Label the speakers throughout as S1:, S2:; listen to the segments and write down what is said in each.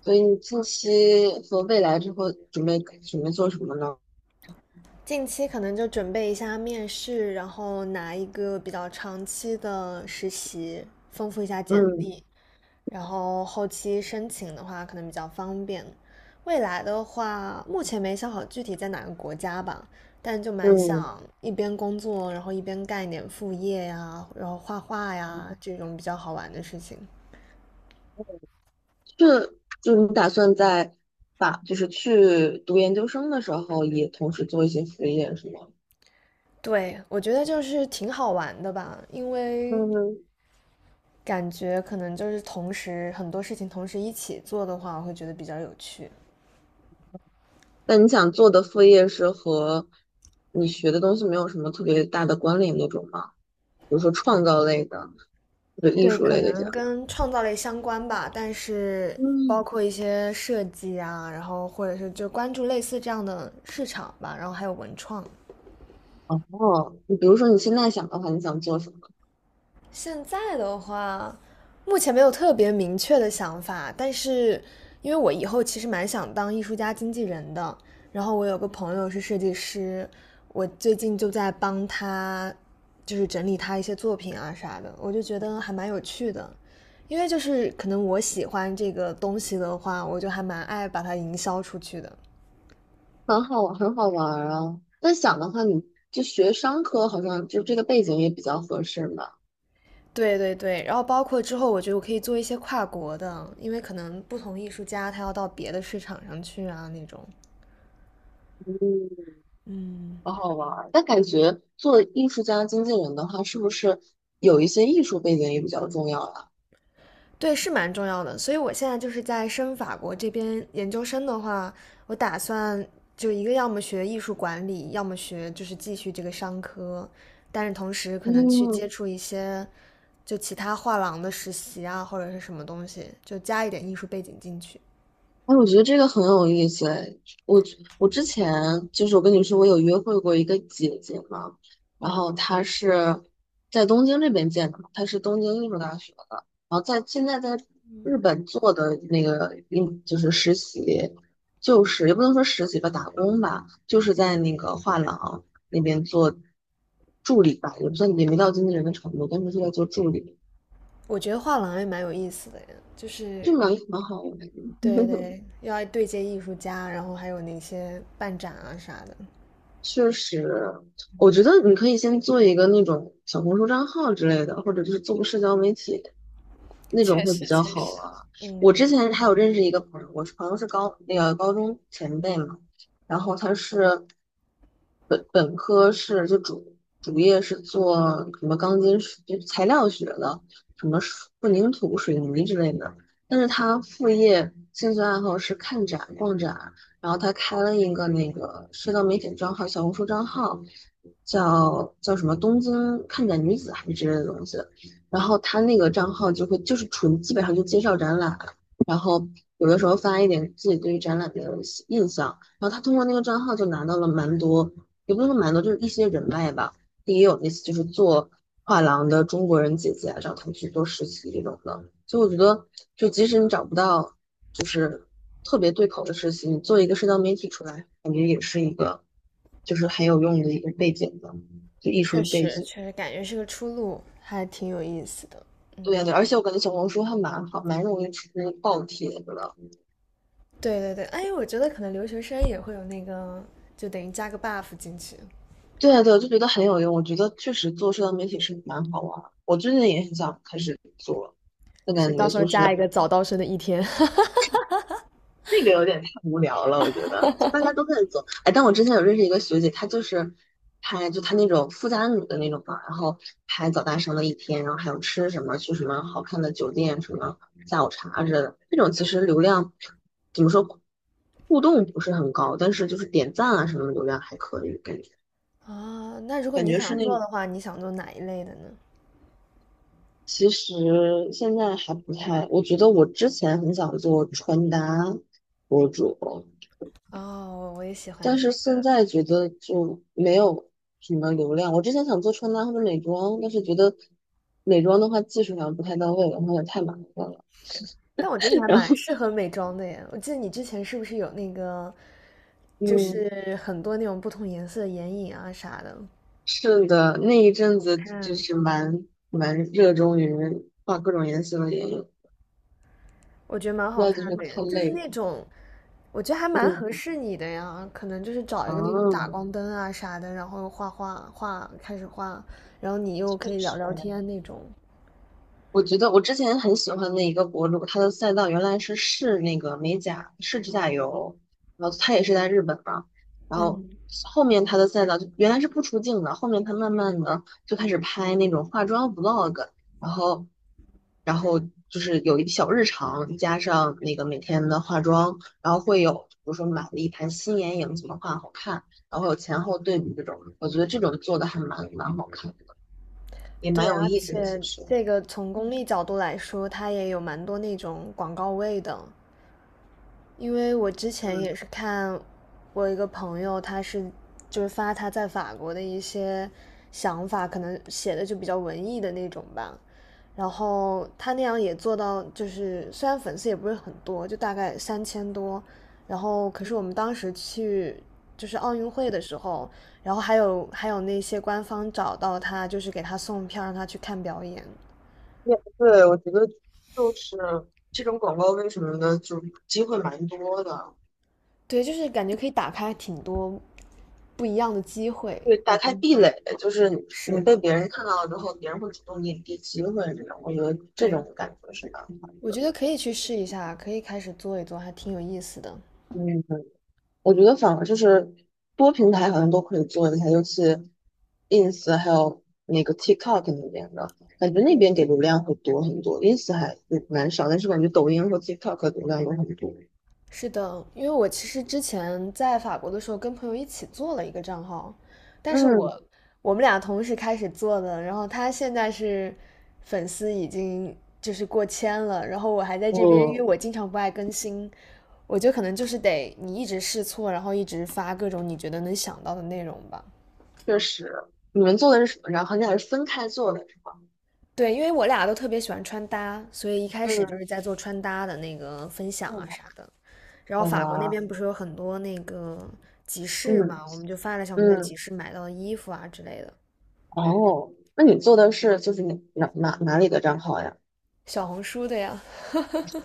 S1: 所以你近期和未来之后准备做什么呢？
S2: 近期可能就准备一下面试，然后拿一个比较长期的实习，丰富一下简
S1: 嗯
S2: 历，然后后期申请的话可能比较方便。未来的话，目前没想好具体在哪个国家吧，但就蛮
S1: 嗯，
S2: 想一边工作，然后一边干一点副业呀，然后画画呀，这种比较好玩的事情。
S1: 是，就你打算在把就是去读研究生的时候，也同时做一些副业是吗？
S2: 对，我觉得就是挺好玩的吧，因为
S1: 嗯，
S2: 感觉可能就是同时很多事情同时一起做的话，我会觉得比较有趣。
S1: 那你想做的副业是和你学的东西没有什么特别大的关联那种吗？比如说创造类的或者艺
S2: 对，
S1: 术
S2: 可
S1: 类的这
S2: 能
S1: 样。
S2: 跟创造类相关吧，但是包
S1: 嗯，
S2: 括一些设计啊，然后或者是就关注类似这样的市场吧，然后还有文创。
S1: 哦，你比如说你现在想的话，你想做什么？
S2: 现在的话，目前没有特别明确的想法，但是因为我以后其实蛮想当艺术家经纪人的，然后我有个朋友是设计师，我最近就在帮他，就是整理他一些作品啊啥的，我就觉得还蛮有趣的，因为就是可能我喜欢这个东西的话，我就还蛮爱把它营销出去的。
S1: 很好玩，很好玩儿啊！但想的话，你就学商科，好像就这个背景也比较合适嘛。
S2: 对对对，然后包括之后，我觉得我可以做一些跨国的，因为可能不同艺术家他要到别的市场上去啊那种。
S1: 嗯，好好玩儿。但感觉做艺术家、经纪人的话，是不是有一些艺术背景也比较重要呀？
S2: 对，是蛮重要的。所以我现在就是在申法国这边研究生的话，我打算就一个要么学艺术管理，要么学就是继续这个商科，但是同时可能去
S1: 嗯，
S2: 接触一些就其他画廊的实习啊，或者是什么东西，就加一点艺术背景进去。
S1: 哎，我觉得这个很有意思哎。我我之前就是我跟你说，我有约会过一个姐姐嘛，然
S2: 嗯，
S1: 后她是在东京这边见的嘛，她是东京艺术大学的，然后现在在日本做的那个就是实习，就是也不能说实习吧，打工吧，就是在那个画廊那边做助理吧，也不算也没到经纪人的程度，但是是在做助理，
S2: 我觉得画廊也蛮有意思的呀，就是
S1: 就蛮好玩的。
S2: 对对，要对接艺术家，然后还有那些办展啊啥的。
S1: 确实，我觉得你可以先做一个那种小红书账号之类的，或者就是做个社交媒体，那种
S2: 确
S1: 会比
S2: 实，
S1: 较
S2: 确
S1: 好
S2: 实。
S1: 啊。我
S2: 嗯，
S1: 之前还有认识一个朋友，我朋友是高那个高中前辈嘛，然后他是本科是就主业是做什么钢筋水就材料学的，什么水混凝土、水泥之类的，但是他副业兴趣爱好是看展、逛展，然后他开了一个那个社交媒体账号、小红书账号，叫什么东京看展女子还是之类的东西。然后他那个账号就会就是纯基本上就介绍展览，然后有的时候发一点自己对于展览的印象，然后他通过那个账号就拿到了蛮多，也不能说蛮多，就是一些人脉吧，也有那些就是做画廊的中国人姐姐啊，找他们去做实习这种的，所以我觉得就即使你找不到就是特别对口的实习，你做一个社交媒体出来，感觉也是一个就是很有用的一个背景的，就艺
S2: 确
S1: 术背
S2: 实，
S1: 景。
S2: 确实感觉是个出路，还挺有意思的。
S1: 对呀，对，而且我感觉小红书还蛮好，蛮容易出爆帖子的。
S2: 对对对，哎，我觉得可能留学生也会有那个，就等于加个 buff 进去
S1: 对呀对，我就觉得很有用。我觉得确实做社交媒体是蛮好玩儿，我最近也很想开始做，但感
S2: 是到
S1: 觉
S2: 时候
S1: 就
S2: 加一
S1: 是
S2: 个早到生的一天。
S1: 那个有点太无聊了，我觉得就大家都在做。哎，但我之前有认识一个学姐，她就是拍就她那种富家女的那种吧，然后拍早大生的一天，然后还有吃什么，去什么好看的酒店，什么下午茶之类的。这种其实流量怎么说，互动不是很高，但是就是点赞啊什么的流量还可以，感觉
S2: 啊。那如果
S1: 感
S2: 你
S1: 觉是
S2: 想
S1: 那
S2: 做
S1: 种。
S2: 的话，你想做哪一类的呢？
S1: 其实现在还不太，我觉得我之前很想做穿搭博主，
S2: 哦，我也喜欢
S1: 但
S2: 这
S1: 是
S2: 个
S1: 现在觉得就没有什么流量。我之前想做穿搭或者美妆，但是觉得美妆的话技术上不太到位，然后也太麻烦了。
S2: 但我觉得你 还
S1: 然
S2: 蛮
S1: 后，
S2: 适合美妆的耶。我记得你之前是不是有那个，就
S1: 嗯，
S2: 是很多那种不同颜色的眼影啊啥的？
S1: 是的，那一阵子就
S2: 看，
S1: 是蛮热衷于画各种颜色的眼影，
S2: 我觉得蛮
S1: 现
S2: 好
S1: 在就
S2: 看
S1: 是
S2: 的
S1: 太
S2: 耶，就是
S1: 累
S2: 那
S1: 了。
S2: 种，我觉得还蛮合
S1: 嗯，
S2: 适你的呀。可能就是找一个那种打
S1: 啊，
S2: 光灯啊啥的，然后画画画，开始画，然后你又可
S1: 确
S2: 以聊
S1: 实。
S2: 聊天那种。
S1: 我觉得我之前很喜欢的一个博主，他的赛道原来是试那个美甲，试指甲油，然后他也是在日本嘛，然后
S2: 嗯，
S1: 后面他的赛道就原来是不出镜的，后面他慢慢的就开始拍那种化妆 vlog,然后然后就是有一小日常，加上那个每天的化妆，然后会有比如说买了一盘新眼影怎么画好看，然后有前后对比这种，我觉得这种做的还蛮好看的，也蛮
S2: 对，
S1: 有
S2: 而
S1: 意思的，其
S2: 且
S1: 实。
S2: 这个从功利角度来说，它也有蛮多那种广告位的。因为我之前
S1: 嗯。
S2: 也是看我一个朋友，他是就是发他在法国的一些想法，可能写的就比较文艺的那种吧。然后他那样也做到，就是虽然粉丝也不是很多，就大概三千多。然后可是我们当时去就是奥运会的时候，然后还有那些官方找到他，就是给他送票，让他去看表演。
S1: 也不对，我觉得就是这种广告为什么呢？就是机会蛮多的，
S2: 对，就是感觉可以打开挺多不一样的机会，
S1: 对，打
S2: 我觉
S1: 开
S2: 得
S1: 壁
S2: 还
S1: 垒，就是你
S2: 是。
S1: 被别人看到了之后，别人会主动给你递机会这种，我觉得这
S2: 对，
S1: 种感觉是蛮好
S2: 我
S1: 的。
S2: 觉得可以去试一下，可以开始做一做，还挺有意思的。
S1: 嗯，我觉得反而就是多平台好像都可以做一下，尤其 ins 还有那个 TikTok 那边的，感觉那边
S2: 对，
S1: 给流量会多很多，ins 还蛮少，但是感觉抖音和 TikTok 流量有很多。
S2: 是的，因为我其实之前在法国的时候跟朋友一起做了一个账号，但是
S1: 嗯，
S2: 我们俩同时开始做的，然后他现在是粉丝已经就是过千了，然后我还在这边，因为
S1: 我
S2: 我经常不爱更新，我觉得可能就是得你一直试错，然后一直发各种你觉得能想到的内容吧。
S1: 确实，你们做的是什么？账号？你俩是分开做的是吧？
S2: 对，因为我俩都特别喜欢穿搭，所以一开始
S1: 嗯，
S2: 就是在做穿搭的那个分享
S1: 哦，
S2: 啊啥的。然后法国那
S1: 我，
S2: 边不是有很多那个集市
S1: 嗯
S2: 嘛，我们就发了一下我们在集
S1: 嗯，
S2: 市买到的衣服啊之类的，
S1: 哦，那你做的是就是你哪里的账号呀？
S2: 小红书的呀。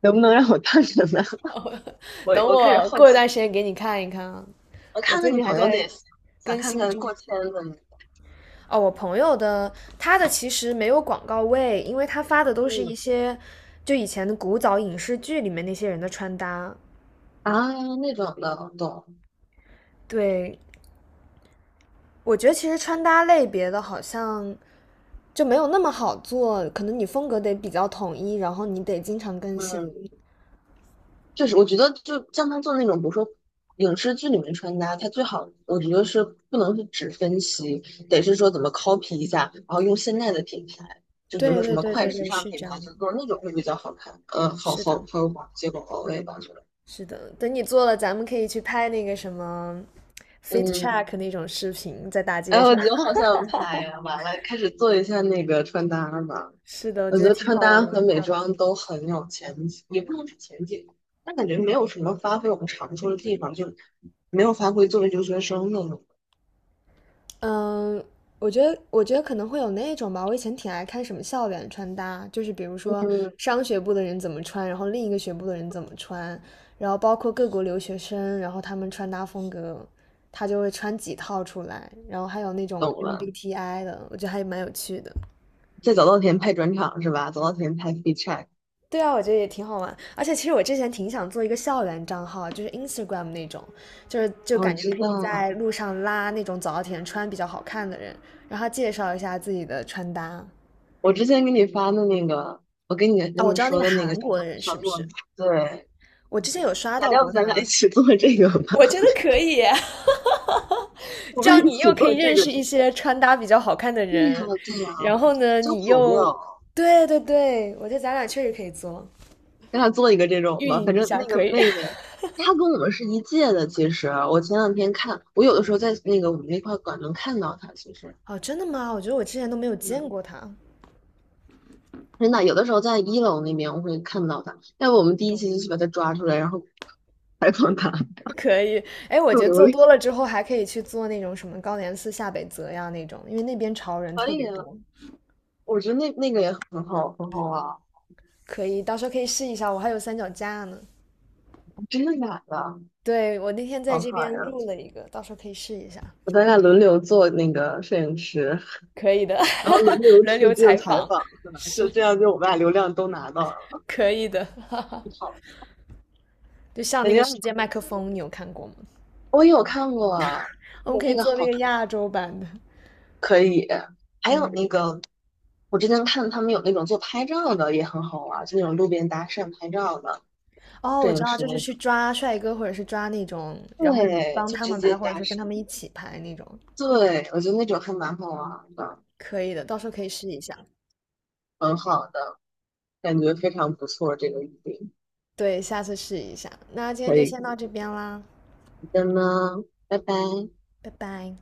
S1: 能不能让我看看呢？我
S2: 等
S1: 我开始
S2: 我
S1: 好
S2: 过一
S1: 奇，
S2: 段时间给你看一看啊，
S1: 我
S2: 我
S1: 看
S2: 最
S1: 看你
S2: 近还
S1: 朋友
S2: 在
S1: 那些，想
S2: 更
S1: 看
S2: 新
S1: 看
S2: 中。
S1: 过千的，
S2: 哦，我朋友的他的其实没有广告位，因为他发的都
S1: 那
S2: 是一些就以前的古早影视剧里面那些人的穿搭。
S1: 那种的，懂，
S2: 对，我觉得其实穿搭类别的好像就没有那么好做，可能你风格得比较统一，然后你得经常更新。
S1: 嗯。就是我觉得就像他做那种，比如说影视剧里面穿搭，他最好我觉得是不能是只分析，得是说怎么 copy 一下，然后用现在的品牌，就比如
S2: 对
S1: 说什
S2: 对
S1: 么
S2: 对
S1: 快
S2: 对
S1: 时
S2: 对，
S1: 尚
S2: 是
S1: 品
S2: 这样
S1: 牌，
S2: 的，
S1: 就做那种会比较好看，嗯，好
S2: 是
S1: 好
S2: 的，
S1: 好，有结果我也吧，我觉得。
S2: 是的，等你做了，咱们可以去拍那个什么 fit
S1: 嗯，
S2: check 那种视频，在大
S1: 哎，
S2: 街
S1: 我
S2: 上。
S1: 觉得好 想拍呀、完了，开始做一下那个穿搭吧。
S2: 是的，我
S1: 我
S2: 觉
S1: 觉
S2: 得
S1: 得
S2: 挺
S1: 穿
S2: 好
S1: 搭
S2: 玩
S1: 和美
S2: 的。
S1: 妆都很有前景，也不能是前景，但感觉没有什么发挥我们长处的地方，就没有发挥作为留学生的。
S2: 嗯，我觉得，我觉得可能会有那种吧。我以前挺爱看什么校园穿搭，就是比如说
S1: 嗯，
S2: 商学部的人怎么穿，然后另一个学部的人怎么穿，然后包括各国留学生，然后他们穿搭风格，他就会穿几套出来，然后还有那种
S1: 懂了。
S2: MBTI 的，我觉得还蛮有趣的。
S1: 在早稻田拍转场是吧？早稻田拍 f e e check。
S2: 对啊，我觉得也挺好玩。而且其实我之前挺想做一个校园账号，就是 Instagram 那种，就是就
S1: 哦，我
S2: 感觉
S1: 知
S2: 可以在
S1: 道。
S2: 路上拉那种早稻田穿比较好看的人，让他介绍一下自己的穿搭。
S1: 我之前给你发的那个，我给你
S2: 啊，
S1: 跟
S2: 我
S1: 么
S2: 知道那
S1: 说
S2: 个
S1: 的那个
S2: 韩
S1: 叫什
S2: 国
S1: 么
S2: 的人
S1: 糖
S2: 是不
S1: 果吗，
S2: 是？
S1: 对，
S2: 我之前有刷
S1: 咱
S2: 到
S1: 要不
S2: 过
S1: 咱俩一
S2: 他，
S1: 起做这个吧？
S2: 我觉得可以。
S1: 我
S2: 这
S1: 们一
S2: 样你
S1: 起
S2: 又可
S1: 做
S2: 以
S1: 这
S2: 认
S1: 个。
S2: 识一
S1: 对
S2: 些穿搭比较好看的
S1: 呀，
S2: 人，
S1: 对呀，
S2: 然后呢，
S1: 交
S2: 你
S1: 朋友，
S2: 又，对对对，我觉得咱俩确实可以做，
S1: 咱俩做一个这种
S2: 运
S1: 吧。
S2: 营
S1: 反
S2: 一
S1: 正
S2: 下
S1: 那
S2: 可
S1: 个
S2: 以，
S1: 妹 妹，她跟我们是一届的。的其实，我前两天看，看有的时候在那个我们那块馆能看到她。
S2: 哦，真的吗？我觉得我之前都没有
S1: 嗯。
S2: 见过他。
S1: 真的，有的时候在一楼那边我会看到他，要不我们第一
S2: 懂
S1: 期就去把他抓出来，然后采访他，
S2: 可以。哎，我
S1: 不
S2: 觉得
S1: 流
S2: 做
S1: 利。
S2: 多了之后还可以去做那种什么高莲寺下北泽呀那种，因为那边潮人
S1: 可
S2: 特
S1: 以
S2: 别
S1: 啊，
S2: 多，
S1: 我觉得那个也很好，很好啊。
S2: 可以，到时候可以试一下，我还有三脚架呢。
S1: 真的假的？
S2: 对，我那天在
S1: 好
S2: 这
S1: 可爱
S2: 边
S1: 啊！
S2: 录了一个，到时候可以试一下。
S1: 我咱俩轮流做那个摄影师，
S2: 可以的，
S1: 然后轮 流
S2: 轮
S1: 出
S2: 流
S1: 镜
S2: 采
S1: 采
S2: 访
S1: 访，是 吧？就
S2: 是
S1: 这样，就我们俩流量都拿到了。
S2: 可以的。
S1: 好，
S2: 就像
S1: 感
S2: 那个
S1: 觉很
S2: 世
S1: 开
S2: 界麦克
S1: 心。
S2: 风，你有看过吗？
S1: 我有看过
S2: 我
S1: 那
S2: 们
S1: 个
S2: 可以
S1: 那个
S2: 做那
S1: 好
S2: 个
S1: 可
S2: 亚洲版的。
S1: 可以。还有
S2: 嗯，
S1: 那个，我之前看他们有那种做拍照的，也很好玩儿就那种路边搭讪拍照的，
S2: 哦，
S1: 摄
S2: 我知
S1: 影
S2: 道，
S1: 师
S2: 就是
S1: 那
S2: 去
S1: 种。
S2: 抓帅哥，或者是抓那种，然后你
S1: 对，
S2: 帮
S1: 就
S2: 他
S1: 直
S2: 们
S1: 接
S2: 拍，或
S1: 搭
S2: 者是跟他
S1: 讪。
S2: 们一起拍那种，
S1: 对，我觉得那种还蛮好玩儿的，
S2: 可以的，到时候可以试一下。
S1: 很好的，感觉非常不错。这个预定
S2: 对，下次试一下。那今天
S1: 可
S2: 就
S1: 以，
S2: 先
S1: 可
S2: 到
S1: 以
S2: 这边啦，
S1: 的呢，拜拜。
S2: 拜拜。